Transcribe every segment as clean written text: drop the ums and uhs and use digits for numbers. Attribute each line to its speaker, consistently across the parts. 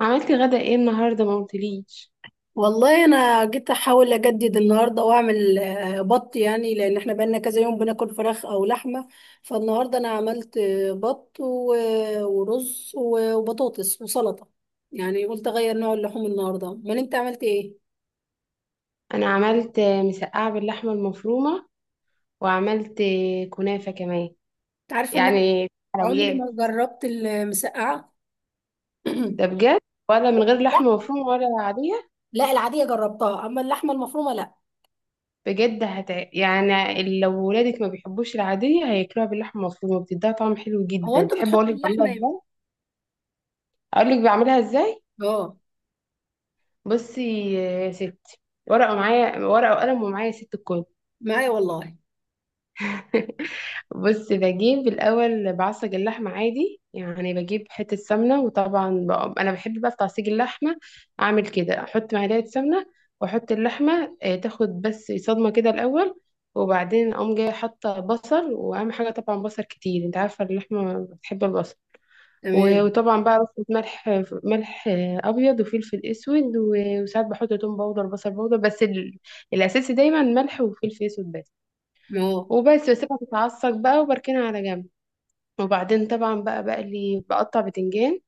Speaker 1: عملت غدا ايه النهارده؟ ما قلتليش.
Speaker 2: والله انا جيت احاول اجدد النهارده واعمل بط، يعني لان احنا بقالنا كذا يوم بناكل فراخ او لحمه. فالنهارده انا عملت بط ورز وبطاطس وسلطه. يعني قلت اغير نوع اللحوم النهارده، امال انت عملت ايه؟
Speaker 1: انا عملت مسقعه باللحمه المفرومه، وعملت كنافه كمان،
Speaker 2: انت عارفه ان انا
Speaker 1: يعني
Speaker 2: عمري
Speaker 1: حلويات.
Speaker 2: ما جربت المسقعه.
Speaker 1: ده بجد؟ ولا من غير
Speaker 2: لا،
Speaker 1: لحمه مفرومه ولا عاديه؟
Speaker 2: لا العاديه جربتها اما اللحمه المفرومه لا.
Speaker 1: بجد! يعني لو ولادك ما بيحبوش العاديه، هياكلوها باللحمه المفرومه، بتديها طعم حلو
Speaker 2: هو
Speaker 1: جدا.
Speaker 2: انتوا
Speaker 1: تحب
Speaker 2: بتحطوا
Speaker 1: اقولك بعملها
Speaker 2: اللحمه امتى؟
Speaker 1: ازاي؟ اقولك بعملها ازاي.
Speaker 2: اه.
Speaker 1: بصي يا ستي، ورقه، معايا ورقه وقلم، ومعايا ست الكل.
Speaker 2: معايا والله.
Speaker 1: بص، بجيب الأول بعصج اللحمة عادي، يعني بجيب حتة سمنة، وطبعا بقى أنا بحب بقى في تعصيج اللحمة أعمل كده، أحط معلقة سمنة وأحط اللحمة، تاخد بس صدمة كده الأول. وبعدين أقوم جاية حاطة بصل، وأهم حاجة طبعا بصل كتير، أنت عارفة اللحمة بتحب البصل. و-
Speaker 2: تمام.
Speaker 1: وطبعا بقى بحط ملح أبيض وفلفل أسود، و- وساعات بحط توم باودر بصل باودر، بس الأساسي دايما ملح وفلفل أسود بس.
Speaker 2: اه.
Speaker 1: وبس بسيبها تتعصج بقى وبركنها على جنب. وبعدين طبعا بقى بقلي، بقطع بتنجان،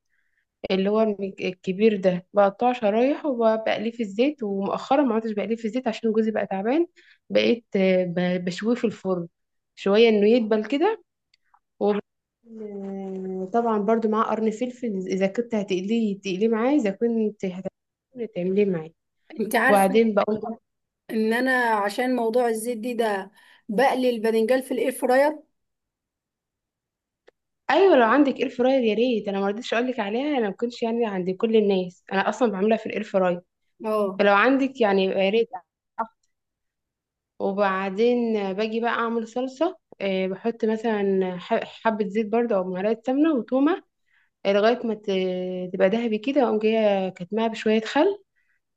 Speaker 1: اللي هو الكبير ده، بقطعه شرايح وبقليه في الزيت. ومؤخرا ما عدتش بقليه في الزيت عشان جوزي بقى تعبان، بقيت بشويه في الفرن، شوية انه يدبل كده. وب- آه، طبعا برضو معاه قرن فلفل، اذا كنت هتقليه تقليه معاه، اذا كنت هتعمليه تعمليه معاه.
Speaker 2: انت عارفه
Speaker 1: وبعدين بقول،
Speaker 2: ان انا عشان موضوع الزيت دي ده بقلي الباذنجان في الاير فراير.
Speaker 1: ايوه لو عندك اير فراير يا ريت. انا ما رضيتش اقول لك عليها، انا ما كنتش يعني عند كل الناس، انا اصلا بعملها في الاير فراير،
Speaker 2: اه.
Speaker 1: فلو عندك يعني يا ريت. وبعدين باجي بقى اعمل صلصه، بحط مثلا حبه زيت برده او معلقه سمنه وتومه، لغايه ما تبقى ذهبي كده، اقوم جايه كاتماها بشويه خل.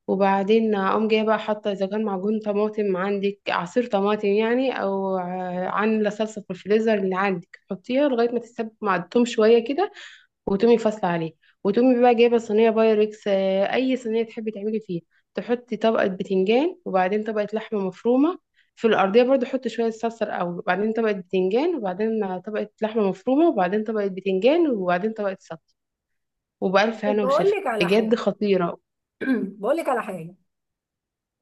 Speaker 1: وبعدين اقوم جايه بقى حاطه، اذا كان معجون طماطم عندك، عصير طماطم يعني، او عامله صلصه في الفريزر اللي عندك، حطيها لغايه ما تتسبك مع التوم شويه كده، وتقومي فاصله عليه. وتقومي بقى جايبه صينيه بايركس، اي صينيه تحبي تعملي فيها، تحطي طبقه بتنجان وبعدين طبقه لحمه مفرومه. في الارضيه برضو حطي شويه صلصه الاول، وبعدين طبقه بتنجان، وبعدين طبقه لحمه مفرومه، وبعدين طبقه بتنجان، وبعدين طبقه صلصه. وبالف هنا
Speaker 2: بقول
Speaker 1: وشفا،
Speaker 2: لك على
Speaker 1: بجد
Speaker 2: حاجه.
Speaker 1: خطيره.
Speaker 2: بقول لك على حاجه،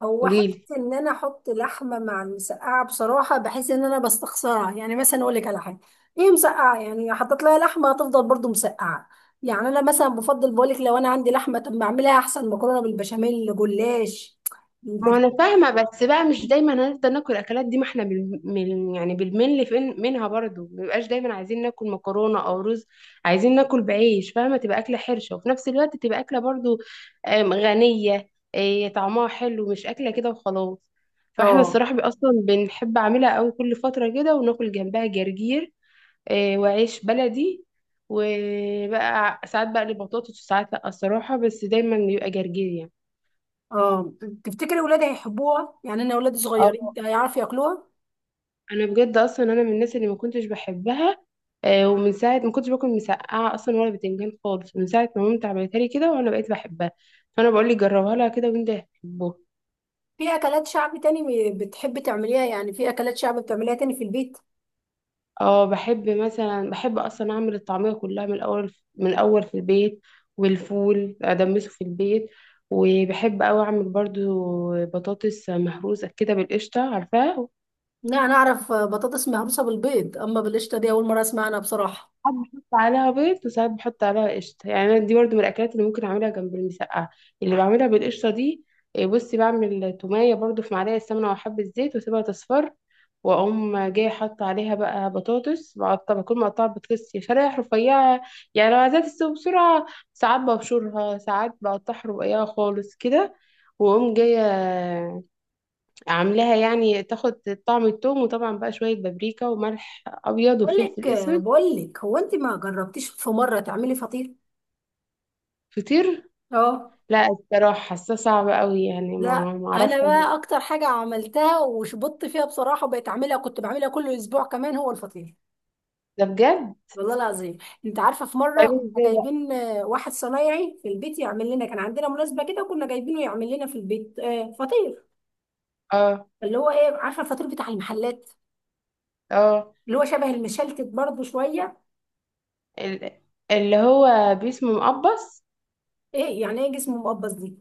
Speaker 2: هو
Speaker 1: قوليلي.
Speaker 2: حته ان انا احط لحمه مع المسقعه بصراحه بحس ان انا بستخسرها. يعني مثلا اقول لك على حاجه: ايه مسقعه يعني حطيت لها لحمه، هتفضل برضو مسقعه. يعني انا مثلا بفضل بقول لك لو انا عندي لحمه طب ما اعملها احسن مكرونه بالبشاميل جلاش. انت.
Speaker 1: ما انا فاهمه، بس بقى مش دايما هنفضل ناكل الاكلات دي، ما احنا يعني بالملي فين منها، برضو ما بيبقاش دايما عايزين ناكل مكرونه او رز، عايزين ناكل بعيش فاهمه، تبقى اكله حرشه وفي نفس الوقت تبقى اكله برضو غنيه، طعمها حلو، مش اكله كده وخلاص. فاحنا
Speaker 2: اه،
Speaker 1: الصراحه اصلا بنحب اعملها قوي كل فتره كده، وناكل جنبها جرجير، وعيش بلدي، وبقى ساعات بقلي بطاطس وساعات لا الصراحه، بس دايما بيبقى جرجير.
Speaker 2: اه. تفتكري ولادي هيحبوها؟ يعني انا ولادي
Speaker 1: يعني
Speaker 2: صغيرين، هيعرفوا ياكلوها؟
Speaker 1: انا بجد اصلا انا من الناس اللي ما كنتش بحبها، ومن ساعه ما كنتش باكل مسقعه اصلا ولا بتنجان خالص، من ساعه ما مامتي عملتها لي كده، وانا بقيت بحبها. فانا بقول لك جربها لها كده وانت هتحبها.
Speaker 2: في اكلات شعب تاني بتحب تعمليها؟ يعني في اكلات شعب بتعمليها تاني في البيت؟
Speaker 1: اه، بحب مثلا، بحب اصلا اعمل الطعميه كلها من الاول، من الاول في البيت، والفول ادمسه في البيت، وبحب اوي اعمل برضو بطاطس مهروسه كده بالقشطه، عارفاها؟
Speaker 2: لا، انا اعرف بطاطس مهروسه بالبيض اما بالقشطه دي اول مره اسمع عنها بصراحه.
Speaker 1: ساعات بحط عليها بيض وساعات بحط عليها قشطة، يعني أنا دي برضو من الأكلات اللي ممكن أعملها جنب المسقعة، اللي بعملها بالقشطة دي. إيه، بصي، بعمل تومية برضو في معلقة سمنة وحبة زيت، وأسيبها تصفر، وأقوم جاية حاطة عليها بقى بطاطس، بقطع، بكون مقطعة بطاطس يا شرايح رفيعة، يعني لو عايزاها تستوي بسرعة. ساعات ببشرها، ساعات بقطعها رقيقة خالص كده. وأقوم جاية عاملاها يعني تاخد طعم التوم، وطبعا بقى شوية بابريكا وملح أبيض
Speaker 2: بقول لك
Speaker 1: وفلفل أسود.
Speaker 2: بقول لك هو انت ما جربتيش في مره تعملي فطير؟
Speaker 1: فطير؟
Speaker 2: اه.
Speaker 1: لا الصراحة حاسة صعبة قوي، يعني ما
Speaker 2: لا،
Speaker 1: ما اعرفش
Speaker 2: انا
Speaker 1: أعمل.
Speaker 2: بقى اكتر حاجه عملتها وشبطت فيها بصراحه بقيت اعملها، كنت بعملها كل اسبوع كمان، هو الفطير.
Speaker 1: ده بجد؟
Speaker 2: والله العظيم. انت عارفه في
Speaker 1: طيب
Speaker 2: مره كنا
Speaker 1: ازاي بقى؟
Speaker 2: جايبين واحد صنايعي في البيت يعمل لنا، كان عندنا مناسبه كده وكنا جايبينه يعمل لنا في البيت فطير.
Speaker 1: اه،
Speaker 2: اللي هو ايه، عارفه الفطير بتاع المحلات؟
Speaker 1: اه،
Speaker 2: اللي هو شبه المشلتت برضه شويه.
Speaker 1: ال- اللي هو باسمه مقبص.
Speaker 2: ايه يعني ايه جسمه مقبض دي؟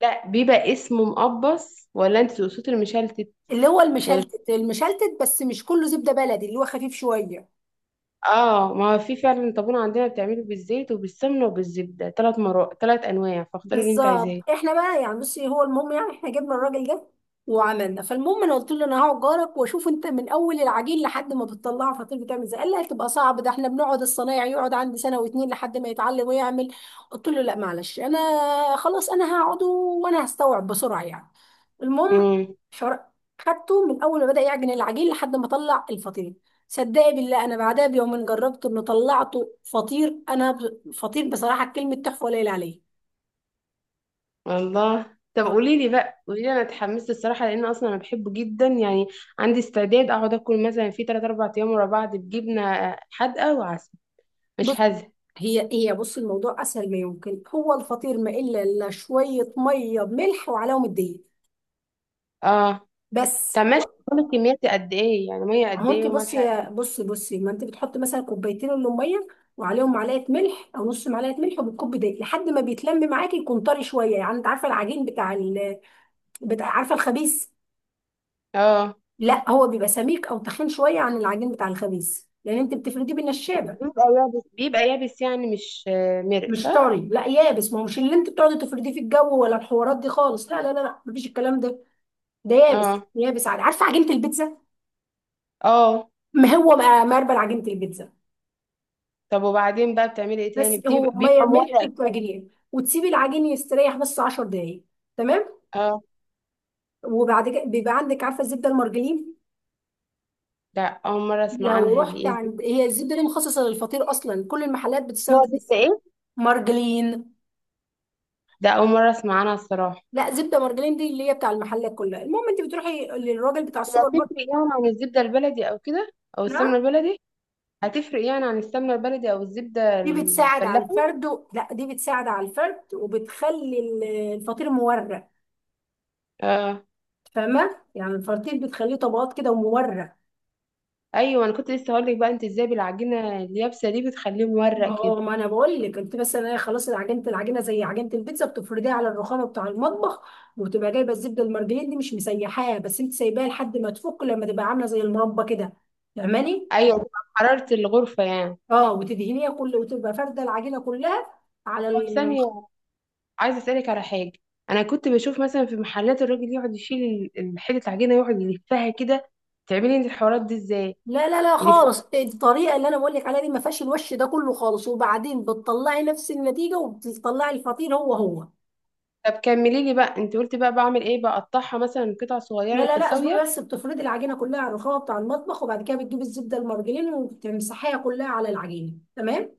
Speaker 1: لا بيبقى اسمه مقبص، ولا انت تقصدي المشلتت؟
Speaker 2: اللي هو
Speaker 1: ولا.
Speaker 2: المشلتت، المشلتت بس مش كله زبده بلدي، اللي هو خفيف شويه.
Speaker 1: اه، ما هو في فعلا طابونة عندنا بتعمله بالزيت وبالسمنة وبالزبدة، ثلاث مرات، ثلاث انواع، فاختاري اللي انت
Speaker 2: بالظبط.
Speaker 1: عايزاه.
Speaker 2: احنا بقى يعني بصي، هو المهم يعني احنا جبنا الراجل ده وعملنا، فالمهم انا قلت له انا هقعد جارك واشوف انت من اول العجين لحد ما بتطلعه فطير بتعمل ازاي. قال لي هتبقى صعب، ده احنا بنقعد الصنايعي يقعد عندي سنه واتنين لحد ما يتعلم ويعمل. قلت له لا معلش، انا خلاص انا هقعد وانا هستوعب بسرعه يعني. المهم
Speaker 1: امم
Speaker 2: حر- خدته من اول ما بدا يعجن العجين لحد ما طلع الفطير. صدقي بالله انا بعدها بيومين جربته انه طلعته فطير، انا فطير بصراحه كلمه تحفه قليل عليه.
Speaker 1: والله. طب قولي لي بقى، قولي لي، انا اتحمست الصراحه، لان اصلا انا بحبه جدا، يعني عندي استعداد اقعد اكل مثلا في 3 4 ايام ورا بعض بجبنه حادقه وعسل، مش
Speaker 2: بص،
Speaker 1: هذا.
Speaker 2: هي هي، بص، الموضوع اسهل ما يمكن. هو الفطير ما الا شويه ميه بملح وعليهم الدقيق
Speaker 1: اه،
Speaker 2: بس.
Speaker 1: طب ماشي، بتكون الكمية دي قد ايه؟ يعني مية
Speaker 2: ما
Speaker 1: قد
Speaker 2: هو انت
Speaker 1: ايه وملح
Speaker 2: بصي
Speaker 1: قد
Speaker 2: بصي بصي، ما انت بتحطي مثلا كوبايتين من الميه وعليهم معلقه ملح او نص معلقه ملح وبتكب دقيق لحد ما بيتلم معاكي، يكون طري شويه يعني. انت عارفه العجين بتاع عارفه الخبيث؟
Speaker 1: ايه؟ اه،
Speaker 2: لا، هو بيبقى سميك او تخين شويه عن العجين بتاع الخبيث لان انت بتفرديه بالنشابه.
Speaker 1: بيبقى يابس، بيبقى يابس يعني، مش مرق،
Speaker 2: مش
Speaker 1: صح؟
Speaker 2: طري، لا يابس. ما هو مش اللي انت بتقعدي تفرديه في الجو ولا الحوارات دي خالص، لا لا لا لا مفيش الكلام ده. ده يابس،
Speaker 1: اه،
Speaker 2: يابس عادي، عارفه عجينه البيتزا؟
Speaker 1: اه.
Speaker 2: ما هو بقى مربل عجينه البيتزا.
Speaker 1: طب وبعدين بقى بتعملي ايه تاني،
Speaker 2: بس هو
Speaker 1: بتبقى
Speaker 2: ميه
Speaker 1: بيبقى
Speaker 2: ملح
Speaker 1: مورق كده؟
Speaker 2: وتعجنيه وتسيبي العجين يستريح بس 10 دقايق. تمام
Speaker 1: اه.
Speaker 2: وبعد كده بيبقى عندك، عارفه الزبده المرجلين؟
Speaker 1: ده اول مرة اسمع
Speaker 2: لو
Speaker 1: عنها، دي
Speaker 2: رحت
Speaker 1: ايه دي؟
Speaker 2: عند، هي الزبده دي مخصصه للفطير اصلا، كل المحلات
Speaker 1: اسمها
Speaker 2: بتستخدم اسم
Speaker 1: زبدة ايه؟
Speaker 2: مرجلين.
Speaker 1: ده اول مرة اسمع عنها الصراحة.
Speaker 2: لا، زبده مرجلين دي اللي هي بتاع المحلات كلها. المهم انت بتروحي للراجل بتاع
Speaker 1: هي
Speaker 2: السوبر ماركت.
Speaker 1: هتفرق يعني عن الزبدة البلدي او كده، او السمنة
Speaker 2: نعم.
Speaker 1: البلدي؟ هتفرق يعني عن السمنة البلدي او الزبدة
Speaker 2: دي بتساعد على
Speaker 1: الفلاحي؟
Speaker 2: الفرد لا، دي بتساعد على الفرد وبتخلي الفطير مورق.
Speaker 1: اه.
Speaker 2: فاهمه، يعني الفراتيل بتخليه طبقات كده ومورق.
Speaker 1: ايوه، انا كنت لسه هقول لك بقى، انت ازاي بالعجينة اليابسة دي بتخليه مورق كده؟
Speaker 2: اه، ما انا بقول لك انت بس، انا خلاص. العجينه زي عجينه البيتزا بتفرديها على الرخامه بتاع المطبخ. وبتبقى جايبه الزبده المرجلين دي مش مسيحاها بس، انت سايباها لحد ما تفك، لما تبقى عامله زي المربى كده، فاهماني؟
Speaker 1: ايوه، حرارة الغرفة يعني.
Speaker 2: اه، وتدهنيها كل وتبقى فارده العجينه كلها على
Speaker 1: طب ثانية، عايزة اسألك على حاجة. انا كنت بشوف مثلا في محلات الراجل يقعد يشيل حتة العجينة، يقعد يلفها كده، تعملي انت الحوارات دي ازاي؟
Speaker 2: لا لا لا
Speaker 1: يلفها.
Speaker 2: خالص، الطريقه اللي انا بقول لك عليها دي ما فيهاش الوش ده كله خالص، وبعدين بتطلعي نفس النتيجه وبتطلعي الفطير هو هو.
Speaker 1: طب كملي لي بقى، انت قلتي بقى بعمل ايه، بقطعها مثلا قطع
Speaker 2: لا
Speaker 1: صغيرة
Speaker 2: لا لا
Speaker 1: متساوية؟
Speaker 2: اصبري بس، بتفردي العجينه كلها على الرخامه بتاع المطبخ وبعد كده بتجيبي الزبده المرجلين وتمسحيها كلها على العجينه. تمام.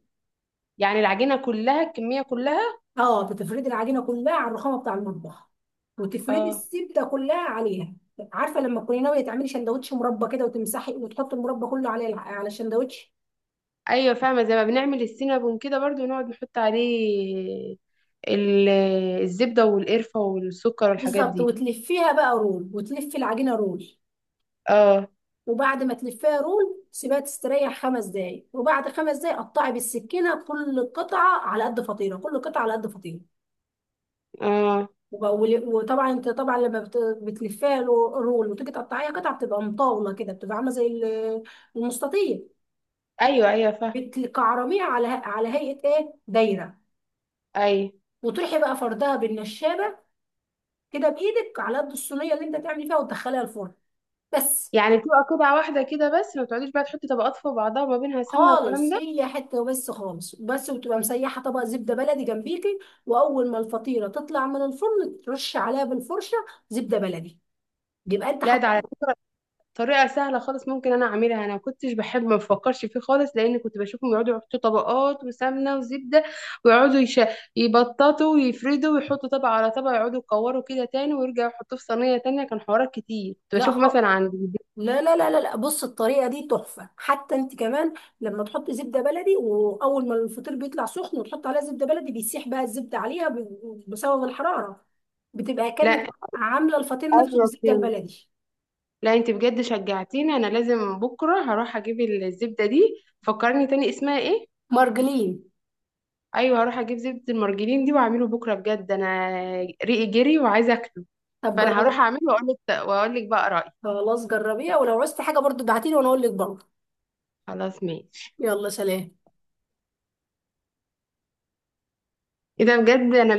Speaker 1: يعني العجينة كلها، الكمية كلها؟
Speaker 2: اه، بتفردي العجينه كلها على الرخامه بتاع المطبخ وتفردي
Speaker 1: اه.
Speaker 2: الزبده كلها عليها. عارفه لما تكوني ناويه تعملي شندوتش مربى كده وتمسحي وتحطي المربى كله على على الشندوتش؟
Speaker 1: ايوه فاهمة، زي ما بنعمل السينابون كده برضو، نقعد نحط عليه ال- الزبدة والقرفة والسكر والحاجات
Speaker 2: بالظبط.
Speaker 1: دي.
Speaker 2: وتلفيها بقى رول، وتلفي العجينه رول.
Speaker 1: اه،
Speaker 2: وبعد ما تلفيها رول سيبها تستريح خمس دقايق، وبعد خمس دقايق قطعي بالسكينه كل قطعه على قد فطيره، كل قطعه على قد فطيره.
Speaker 1: اه.
Speaker 2: وطبعا انت طبعا لما بتلفيها رول وتيجي تقطعيها قطع بتبقى مطاوله كده، بتبقى عامله زي المستطيل.
Speaker 1: ايوه، ايوه فاهمة.
Speaker 2: بتكعرميها على هيئه ايه، دايره.
Speaker 1: ايوه،
Speaker 2: وتروحي بقى فردها بالنشابه كده بايدك على قد الصينيه اللي انت تعملي فيها وتدخليها الفرن بس.
Speaker 1: يعني بتبقى قطعة واحدة كده بس؟ ما بتقعديش بقى تحطي طبقات فوق بعضها وما بينها سمنة والكلام
Speaker 2: خالص،
Speaker 1: ده؟
Speaker 2: هي حته وبس خالص بس، وتبقى مسيحه طبق زبده بلدي جنبيكي، واول ما الفطيره تطلع من الفرن ترش عليها بالفرشه زبده بلدي، يبقى انت
Speaker 1: لا، ده
Speaker 2: حط.
Speaker 1: على فكرة طريقة سهلة خالص، ممكن أنا أعملها. أنا ما كنتش بحب، ما بفكرش فيه خالص، لأن كنت بشوفهم يقعدوا يحطوا طبقات وسمنة وزبدة، ويقعدوا يبططوا ويفردوا ويحطوا طبقة على طبقة، يقعدوا يكوروا كده تاني ويرجعوا يحطوه في صينية تانية، كان حوارات كتير كنت
Speaker 2: لا
Speaker 1: بشوفه
Speaker 2: خالص،
Speaker 1: مثلا عند جدتي.
Speaker 2: لا لا لا لا لا، بص الطريقه دي تحفه حتى انت كمان، لما تحط زبده بلدي واول ما الفطير بيطلع سخن وتحط عليها زبده بلدي بيسيح بقى الزبده عليها بسبب الحراره، بتبقى كانك
Speaker 1: لا.
Speaker 2: عامله الفطير نفسه
Speaker 1: أيوة
Speaker 2: بالزبده
Speaker 1: فهمت.
Speaker 2: البلدي.
Speaker 1: لا أنت بجد شجعتيني، أنا لازم بكرة هروح أجيب الزبدة دي. فكرني تاني اسمها إيه؟
Speaker 2: مرجلين.
Speaker 1: ايوه، هروح اجيب زبدة المرجلين دي واعمله بكرة، بجد انا ريقي جري وعايزة اكله.
Speaker 2: طب
Speaker 1: فانا هروح
Speaker 2: جربي.
Speaker 1: اعمله، واقول لك بقى رأيي.
Speaker 2: خلاص جربيها، ولو عوزتي حاجه برضو ابعتيلي وانا اقول لك برضه.
Speaker 1: خلاص ماشي.
Speaker 2: يلا سلام.
Speaker 1: ايه ده، بجد انا.